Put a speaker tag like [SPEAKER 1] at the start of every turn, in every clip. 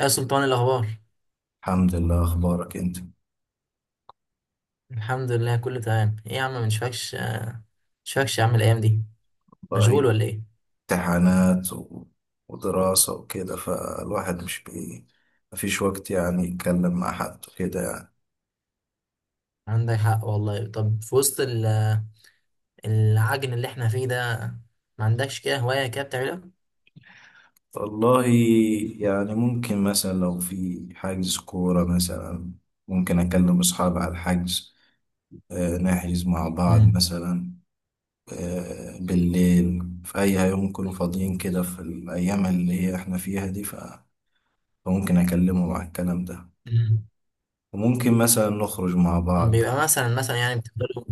[SPEAKER 1] يا سلطان، إيه الأخبار؟
[SPEAKER 2] الحمد لله. اخبارك انت؟
[SPEAKER 1] الحمد لله، كله تمام. إيه يا عم، مش مش فاكش يا عم الأيام دي؟ مشغول
[SPEAKER 2] والله،
[SPEAKER 1] ولا إيه؟
[SPEAKER 2] امتحانات ودراسة وكده، فالواحد مش بي مفيش وقت يعني يتكلم مع حد وكده يعني.
[SPEAKER 1] عندك حق والله. طب في وسط العجن اللي إحنا فيه ده، ما عندكش كده هواية كده بتعملها؟
[SPEAKER 2] والله، يعني ممكن مثلا لو في حجز كورة مثلا، ممكن أكلم أصحابي على الحجز. نحجز مع بعض
[SPEAKER 1] امم.
[SPEAKER 2] مثلا. بالليل في أي يوم يكونوا فاضيين كده، في الأيام اللي هي إحنا فيها دي، فممكن أكلمهم على الكلام ده.
[SPEAKER 1] أمم.
[SPEAKER 2] وممكن مثلا نخرج مع بعض.
[SPEAKER 1] بيبقى مثلا، يعني بتفضلوا،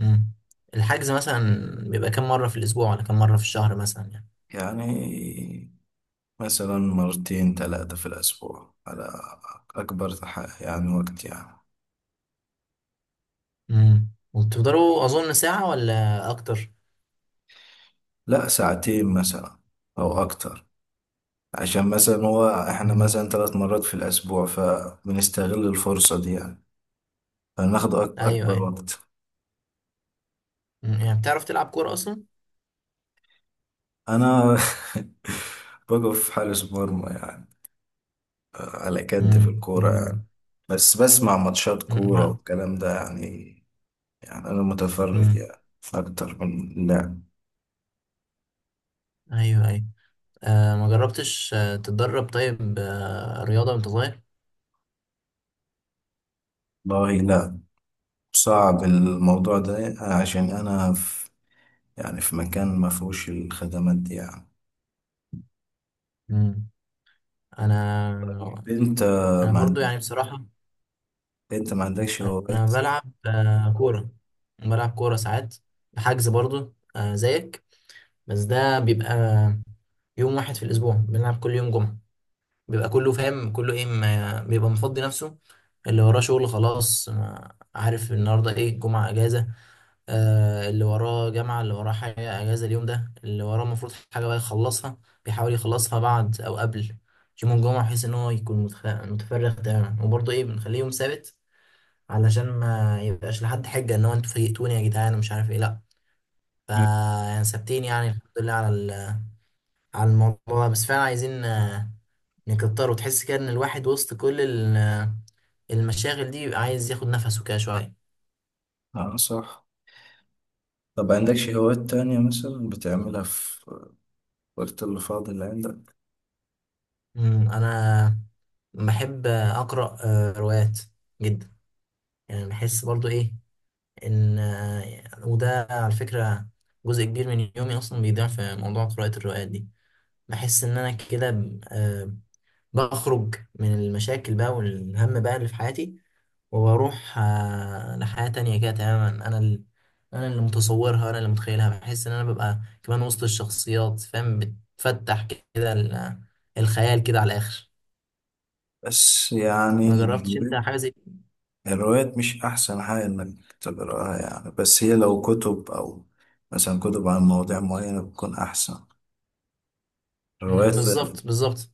[SPEAKER 1] امم، الحجز مثلا، بيبقى كام مرة في الأسبوع ولا كام مرة في الشهر مثلا يعني؟
[SPEAKER 2] يعني مثلا مرتين ثلاثة في الأسبوع، على يعني وقت يعني.
[SPEAKER 1] امم. وبتفضلوا أظن ساعة ولا أكتر؟
[SPEAKER 2] لا، ساعتين مثلا أو أكتر، عشان مثلا هو إحنا
[SPEAKER 1] امم.
[SPEAKER 2] مثلا 3 مرات في الأسبوع، فبنستغل الفرصة دي يعني، فناخد
[SPEAKER 1] أيوه
[SPEAKER 2] أكبر
[SPEAKER 1] أيوه.
[SPEAKER 2] وقت.
[SPEAKER 1] مم. يعني بتعرف تلعب كورة أصلا؟
[SPEAKER 2] أنا بقف حارس مرمى يعني، على كد في
[SPEAKER 1] امم.
[SPEAKER 2] الكورة يعني. بس بسمع ماتشات كورة والكلام ده يعني، يعني أنا متفرج
[SPEAKER 1] أمم.
[SPEAKER 2] يعني أكتر من اللعب.
[SPEAKER 1] ايوه ايوه. آه، ما جربتش تتدرب؟ طيب، آه، رياضة وانت صغير؟
[SPEAKER 2] والله لا، صعب الموضوع ده عشان أنا في، يعني في مكان ما فيهوش الخدمات دي يعني.
[SPEAKER 1] مم. انا
[SPEAKER 2] أنت
[SPEAKER 1] انا
[SPEAKER 2] ما
[SPEAKER 1] برضو
[SPEAKER 2] عند-
[SPEAKER 1] يعني بصراحة
[SPEAKER 2] أنت ما عندكش
[SPEAKER 1] انا
[SPEAKER 2] هوايات؟
[SPEAKER 1] بلعب كورة، بلعب كورة ساعات. حجز برضو آه زيك، بس ده بيبقى يوم واحد في الأسبوع، بنلعب كل يوم جمعة. بيبقى كله فاهم، كله إيه، ما بيبقى مفضي نفسه. اللي وراه شغل خلاص، ما عارف النهاردة إيه، جمعة إجازة. اللي وراه جامعة، اللي وراه حاجة أجازة اليوم ده، اللي وراه المفروض حاجة بقى يخلصها، بيحاول يخلصها بعد أو قبل يوم الجمعة، بحيث إن هو يكون متفرغ تماما. وبرضه إيه، بنخليه يوم سابت علشان ما يبقاش لحد حجة إن هو أنتوا فيقتوني يا جدعان ومش عارف إيه. لأ، فا
[SPEAKER 2] مم.
[SPEAKER 1] يعني ثابتين يعني، الحمد لله على على الموضوع ده. بس فعلا عايزين نكتر، وتحس كده إن الواحد وسط كل المشاغل دي بيبقى عايز ياخد نفسه كده شوية.
[SPEAKER 2] اه صح. طب عندكش هوايات تانية مثلا بتعملها في الوقت اللي فاضي اللي عندك؟
[SPEAKER 1] مم، انا بحب اقرا روايات جدا. يعني بحس برضو ايه، ان وده على فكره جزء كبير من يومي اصلا بيضيع في موضوع قراءه الروايات دي. بحس ان انا كده بخرج من المشاكل بقى والهم بقى اللي في حياتي، وبروح لحياه تانية كده تماما، انا انا اللي متصورها، انا اللي متخيلها. بحس ان انا ببقى كمان وسط الشخصيات، فاهم، بتفتح كده الخيال كده على الاخر.
[SPEAKER 2] بس يعني
[SPEAKER 1] ما جربتش
[SPEAKER 2] الهوايات،
[SPEAKER 1] انت حاجه زي؟
[SPEAKER 2] الروايات مش أحسن حاجة إنك تقراها يعني، بس هي لو كتب أو مثلا كتب عن مواضيع معينة بتكون أحسن. الروايات
[SPEAKER 1] مم، بالظبط،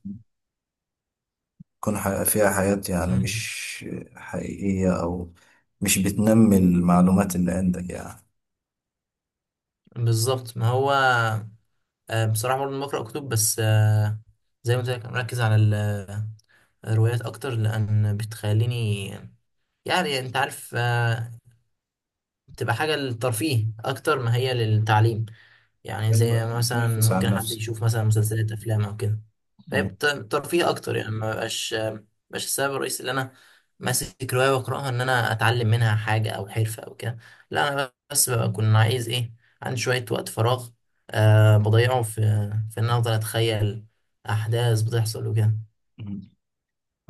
[SPEAKER 2] تكون فيها حياة يعني
[SPEAKER 1] مم،
[SPEAKER 2] مش حقيقية، أو مش بتنمي المعلومات اللي عندك يعني.
[SPEAKER 1] بالظبط. ما هو بصراحه برضه بقرا كتب، بس زي ما قلت لك، أنا مركز على الروايات اكتر لان بتخليني، يعني انت عارف بتبقى حاجه للترفيه اكتر ما هي للتعليم. يعني زي
[SPEAKER 2] ايوه
[SPEAKER 1] مثلا
[SPEAKER 2] بتنفس
[SPEAKER 1] ممكن
[SPEAKER 2] عنها
[SPEAKER 1] حد
[SPEAKER 2] نفسك.
[SPEAKER 1] يشوف مثلا مسلسلات، افلام او كده،
[SPEAKER 2] مم.
[SPEAKER 1] فيبقى ترفيه اكتر. يعني ما بقاش السبب الرئيسي اللي انا ماسك روايه واقراها ان انا اتعلم منها حاجه او حرفه او كده، لا، انا بس بكون عايز ايه، عندي شويه وقت فراغ، أه بضيعه في ان أنا افضل اتخيل احداث بتحصل وكده.
[SPEAKER 2] مم.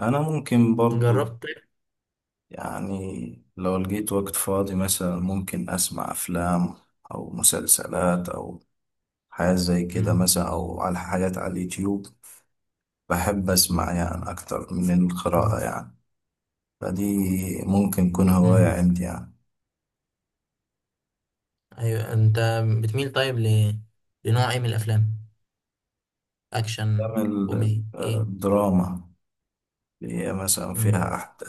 [SPEAKER 2] أنا ممكن برضو،
[SPEAKER 1] جربت طيب.
[SPEAKER 2] يعني لو لقيت وقت فاضي مثلا، ممكن أسمع أفلام أو مسلسلات أو حاجات زي كده
[SPEAKER 1] مم.
[SPEAKER 2] مثلا، أو على حاجات على اليوتيوب. بحب أسمع يعني أكتر من القراءة يعني، فدي ممكن تكون هواية
[SPEAKER 1] مم.
[SPEAKER 2] عندي يعني.
[SPEAKER 1] ايوه، بتميل طيب ل... لنوع ايه من الافلام؟ اكشن،
[SPEAKER 2] بعمل
[SPEAKER 1] كوميدي، ايه؟
[SPEAKER 2] دراما، اللي هي مثلا
[SPEAKER 1] مم.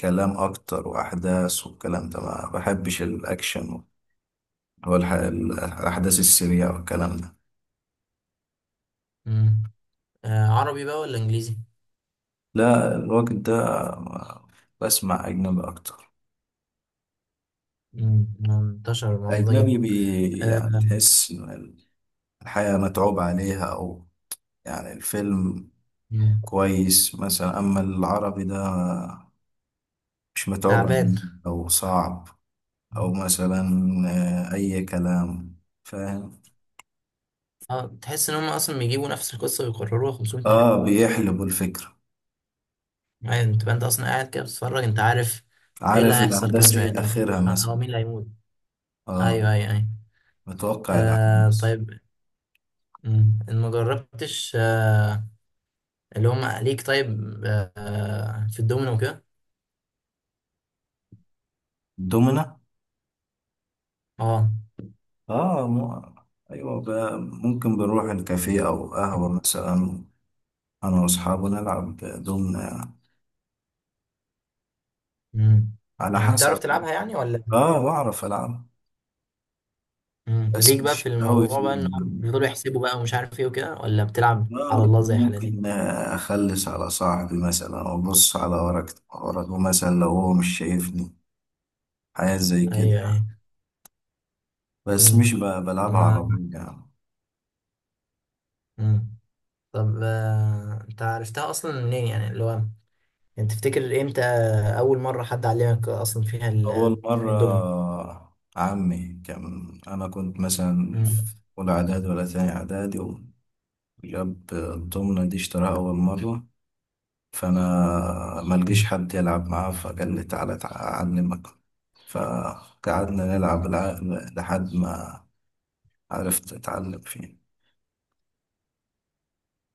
[SPEAKER 2] كلام أكتر وأحداث والكلام ده. ما بحبش الأكشن الأحداث السريعة والكلام ده.
[SPEAKER 1] مم. آه، عربي بقى ولا انجليزي؟
[SPEAKER 2] لا الوقت ده ما- بسمع أجنبي أكتر.
[SPEAKER 1] مم، منتشر الموضوع ده جدا.
[SPEAKER 2] الأجنبي
[SPEAKER 1] آه.
[SPEAKER 2] يعني تحس إن الحياة متعوب عليها، أو يعني الفيلم
[SPEAKER 1] مم،
[SPEAKER 2] كويس مثلا، أما العربي ده مش متعوب
[SPEAKER 1] تعبان.
[SPEAKER 2] عليه أو صعب، أو مثلا أي كلام، فاهم.
[SPEAKER 1] اه، تحس ان هم اصلا بيجيبوا نفس القصه ويكرروها 500 مره.
[SPEAKER 2] آه بيحلبوا الفكرة،
[SPEAKER 1] يعني انت اصلا قاعد كده بتتفرج، انت عارف ايه اللي
[SPEAKER 2] عارف
[SPEAKER 1] هيحصل كمان
[SPEAKER 2] الأحداث
[SPEAKER 1] شويه،
[SPEAKER 2] إيه
[SPEAKER 1] انت
[SPEAKER 2] آخرها
[SPEAKER 1] متوقع
[SPEAKER 2] مثلا.
[SPEAKER 1] اه مين اللي هيموت.
[SPEAKER 2] آه
[SPEAKER 1] ايوه ايوه ايوه.
[SPEAKER 2] متوقع
[SPEAKER 1] آه
[SPEAKER 2] الأحداث.
[SPEAKER 1] طيب. مم، ان ما جربتش اللي هم ليك طيب آه في الدومينو وكده؟
[SPEAKER 2] دومنا.
[SPEAKER 1] اه.
[SPEAKER 2] آه مو... أيوة بقى، ممكن بنروح الكافيه أو قهوة مثلا، أنا وأصحابي نلعب دومنا يعني.
[SPEAKER 1] مم.
[SPEAKER 2] على
[SPEAKER 1] يعني بتعرف
[SPEAKER 2] حسب.
[SPEAKER 1] تلعبها يعني ولا؟
[SPEAKER 2] آه بعرف ألعب،
[SPEAKER 1] مم.
[SPEAKER 2] بس
[SPEAKER 1] ليك بقى في
[SPEAKER 2] مش قوي
[SPEAKER 1] الموضوع بقى، ان هو
[SPEAKER 2] فيهم.
[SPEAKER 1] بيفضلوا يحسبوا بقى ومش عارف ايه وكده، ولا بتلعب
[SPEAKER 2] آه
[SPEAKER 1] على الله زي حالاتي؟
[SPEAKER 2] ممكن أخلص على صاحبي مثلا، أو أبص على ورقه مثلا لو هو مش شايفني، حاجات زي كده
[SPEAKER 1] ايوه
[SPEAKER 2] يعني.
[SPEAKER 1] ايوه.
[SPEAKER 2] بس
[SPEAKER 1] مم.
[SPEAKER 2] مش ب- بلعبها
[SPEAKER 1] ما
[SPEAKER 2] على طول يعني.
[SPEAKER 1] مم. طب انت عرفتها اصلا منين؟ يعني اللي هو انت تفتكر امتى اول مره حد علمك اصلا فيها
[SPEAKER 2] أول
[SPEAKER 1] الدومينو؟
[SPEAKER 2] مرة عمي كان، أنا كنت مثلا
[SPEAKER 1] مم.
[SPEAKER 2] في أولى إعدادي ولا تاني إعدادي، وجاب الضمنة دي اشتراها أول مرة، فأنا ملقيش
[SPEAKER 1] مم.
[SPEAKER 2] حد يلعب معاه، فقال لي تعالى أعلمك. فقعدنا نلعب لحد ما عرفت أتعلم فيه.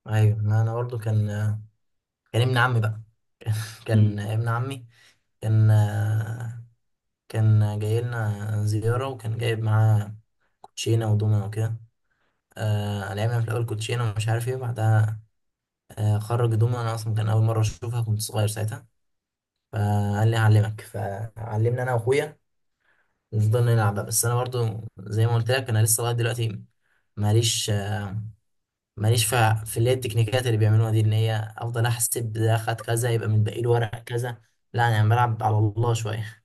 [SPEAKER 1] ايوه، ما انا برضو كان ابن عمي بقى،
[SPEAKER 2] مم.
[SPEAKER 1] كان ابن عمي كان كان جاي لنا زياره، وكان جايب معاه كوتشينه ودومينو وكده. آه، لعبنا في الاول كوتشينه ومش عارف ايه، بعدها آه خرج دومنا. انا اصلا كان اول مره اشوفها، كنت صغير ساعتها، فقال لي هعلمك، فعلمنا انا واخويا، نفضل نلعب بقى. بس انا برضو زي ما قلت لك، انا لسه لغايه دلوقتي ماليش ماليش اللي هي التكنيكات اللي بيعملوها دي، ان هي افضل احسب ده، خد كذا يبقى متبقي له ورق كذا. لا، انا يعني بلعب على الله شويه.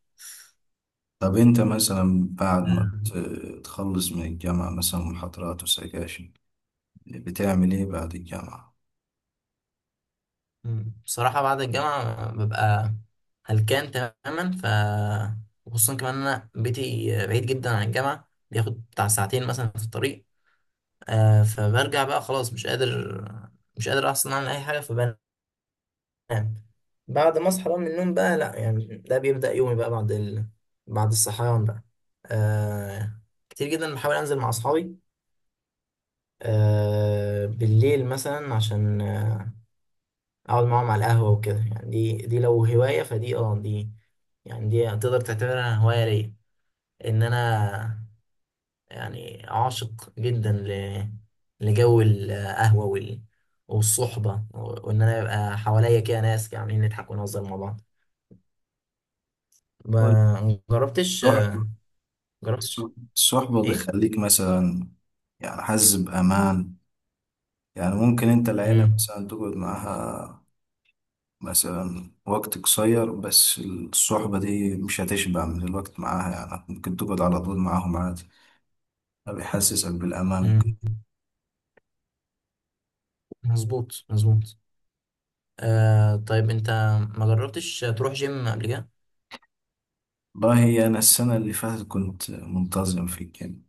[SPEAKER 2] طب أنت مثلا بعد ما تخلص من الجامعة مثلا، محاضرات وسكاشن، بتعمل إيه بعد الجامعة؟
[SPEAKER 1] مم. بصراحة، بعد الجامعة ببقى هلكان تماما، وخصوصا كمان أنا بيتي بعيد جدا عن الجامعة، بياخد بتاع ساعتين مثلا في الطريق. فبرجع بقى خلاص مش قادر أصلا أعمل أي حاجة، فبنام. بعد ما أصحى بقى من النوم بقى، لأ يعني ده بيبدأ يومي بقى بعد بعد الصحيان بقى. آه، كتير جدا بحاول أنزل مع أصحابي بالليل مثلا، عشان اقعد معاهم على القهوة وكده. يعني دي لو هواية، فدي اه دي، يعني دي تقدر تعتبرها هواية ليا. ان انا يعني عاشق جدا لجو القهوة والصحبة، وان انا يبقى حواليا كده ناس عاملين، نضحك ونهزر مع بعض.
[SPEAKER 2] هو
[SPEAKER 1] ما جربتش
[SPEAKER 2] تروح
[SPEAKER 1] جربتش
[SPEAKER 2] الصح- الصحبة
[SPEAKER 1] ايه؟
[SPEAKER 2] بتخليك مثلا، يعني حاسس بأمان؟ يعني ممكن أنت العيلة
[SPEAKER 1] امم.
[SPEAKER 2] مثلا تقعد معاها مثلا وقت قصير، بس الصحبة دي مش هتشبع من الوقت معاها، يعني ممكن تقعد على طول معاهم عادي. ده بيحسسك بالأمان.
[SPEAKER 1] امم. مظبوط. آه طيب، انت ما جربتش تروح جيم قبل كده؟
[SPEAKER 2] والله أنا السنة اللي فاتت كنت منتظم في الجيم،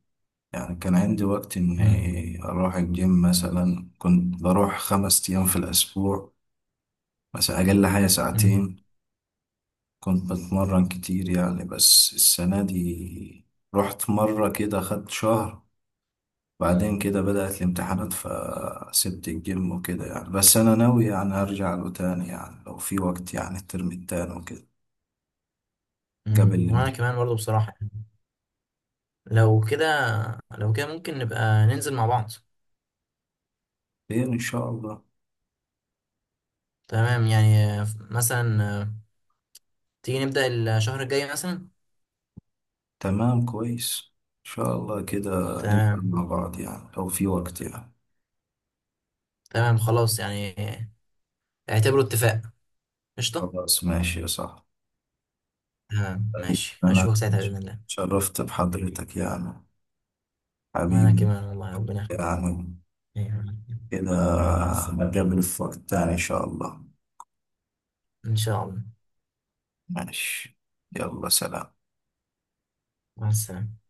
[SPEAKER 2] يعني كان عندي وقت
[SPEAKER 1] امم.
[SPEAKER 2] إني أروح الجيم مثلا، كنت بروح 5 أيام في الأسبوع، مثلا أقل حاجة
[SPEAKER 1] امم.
[SPEAKER 2] ساعتين، كنت بتمرن كتير يعني. بس السنة دي رحت مرة كده، خدت شهر، بعدين كده بدأت الامتحانات فسبت الجيم وكده يعني. بس أنا ناوي يعني أرجع له تاني يعني، لو في وقت يعني، الترم التاني وكده، قبل
[SPEAKER 1] امم. وانا
[SPEAKER 2] الامتحان.
[SPEAKER 1] كمان برضه بصراحة. لو كده لو كده ممكن نبقى ننزل مع بعض.
[SPEAKER 2] إن شاء الله.
[SPEAKER 1] تمام يعني مثلا تيجي نبدأ الشهر الجاي مثلا.
[SPEAKER 2] تمام كويس، إن شاء الله كده نبدأ
[SPEAKER 1] تمام.
[SPEAKER 2] مع بعض يعني لو في وقت يعني.
[SPEAKER 1] تمام خلاص يعني اعتبره اتفاق. قشطة.
[SPEAKER 2] خلاص ماشي يا صاحبي.
[SPEAKER 1] تمام
[SPEAKER 2] طيب،
[SPEAKER 1] ماشي،
[SPEAKER 2] أنا
[SPEAKER 1] هشوفك ساعتها بإذن الله.
[SPEAKER 2] اتشرفت بحضرتك يعني،
[SPEAKER 1] وأنا
[SPEAKER 2] حبيبي.
[SPEAKER 1] كمان والله، ربنا يخليك.
[SPEAKER 2] يعني
[SPEAKER 1] أيوة.
[SPEAKER 2] كده
[SPEAKER 1] مع السلامة.
[SPEAKER 2] هنقابل في وقت تاني إن شاء الله.
[SPEAKER 1] إن شاء الله.
[SPEAKER 2] ماشي، يلا سلام.
[SPEAKER 1] مع السلامة.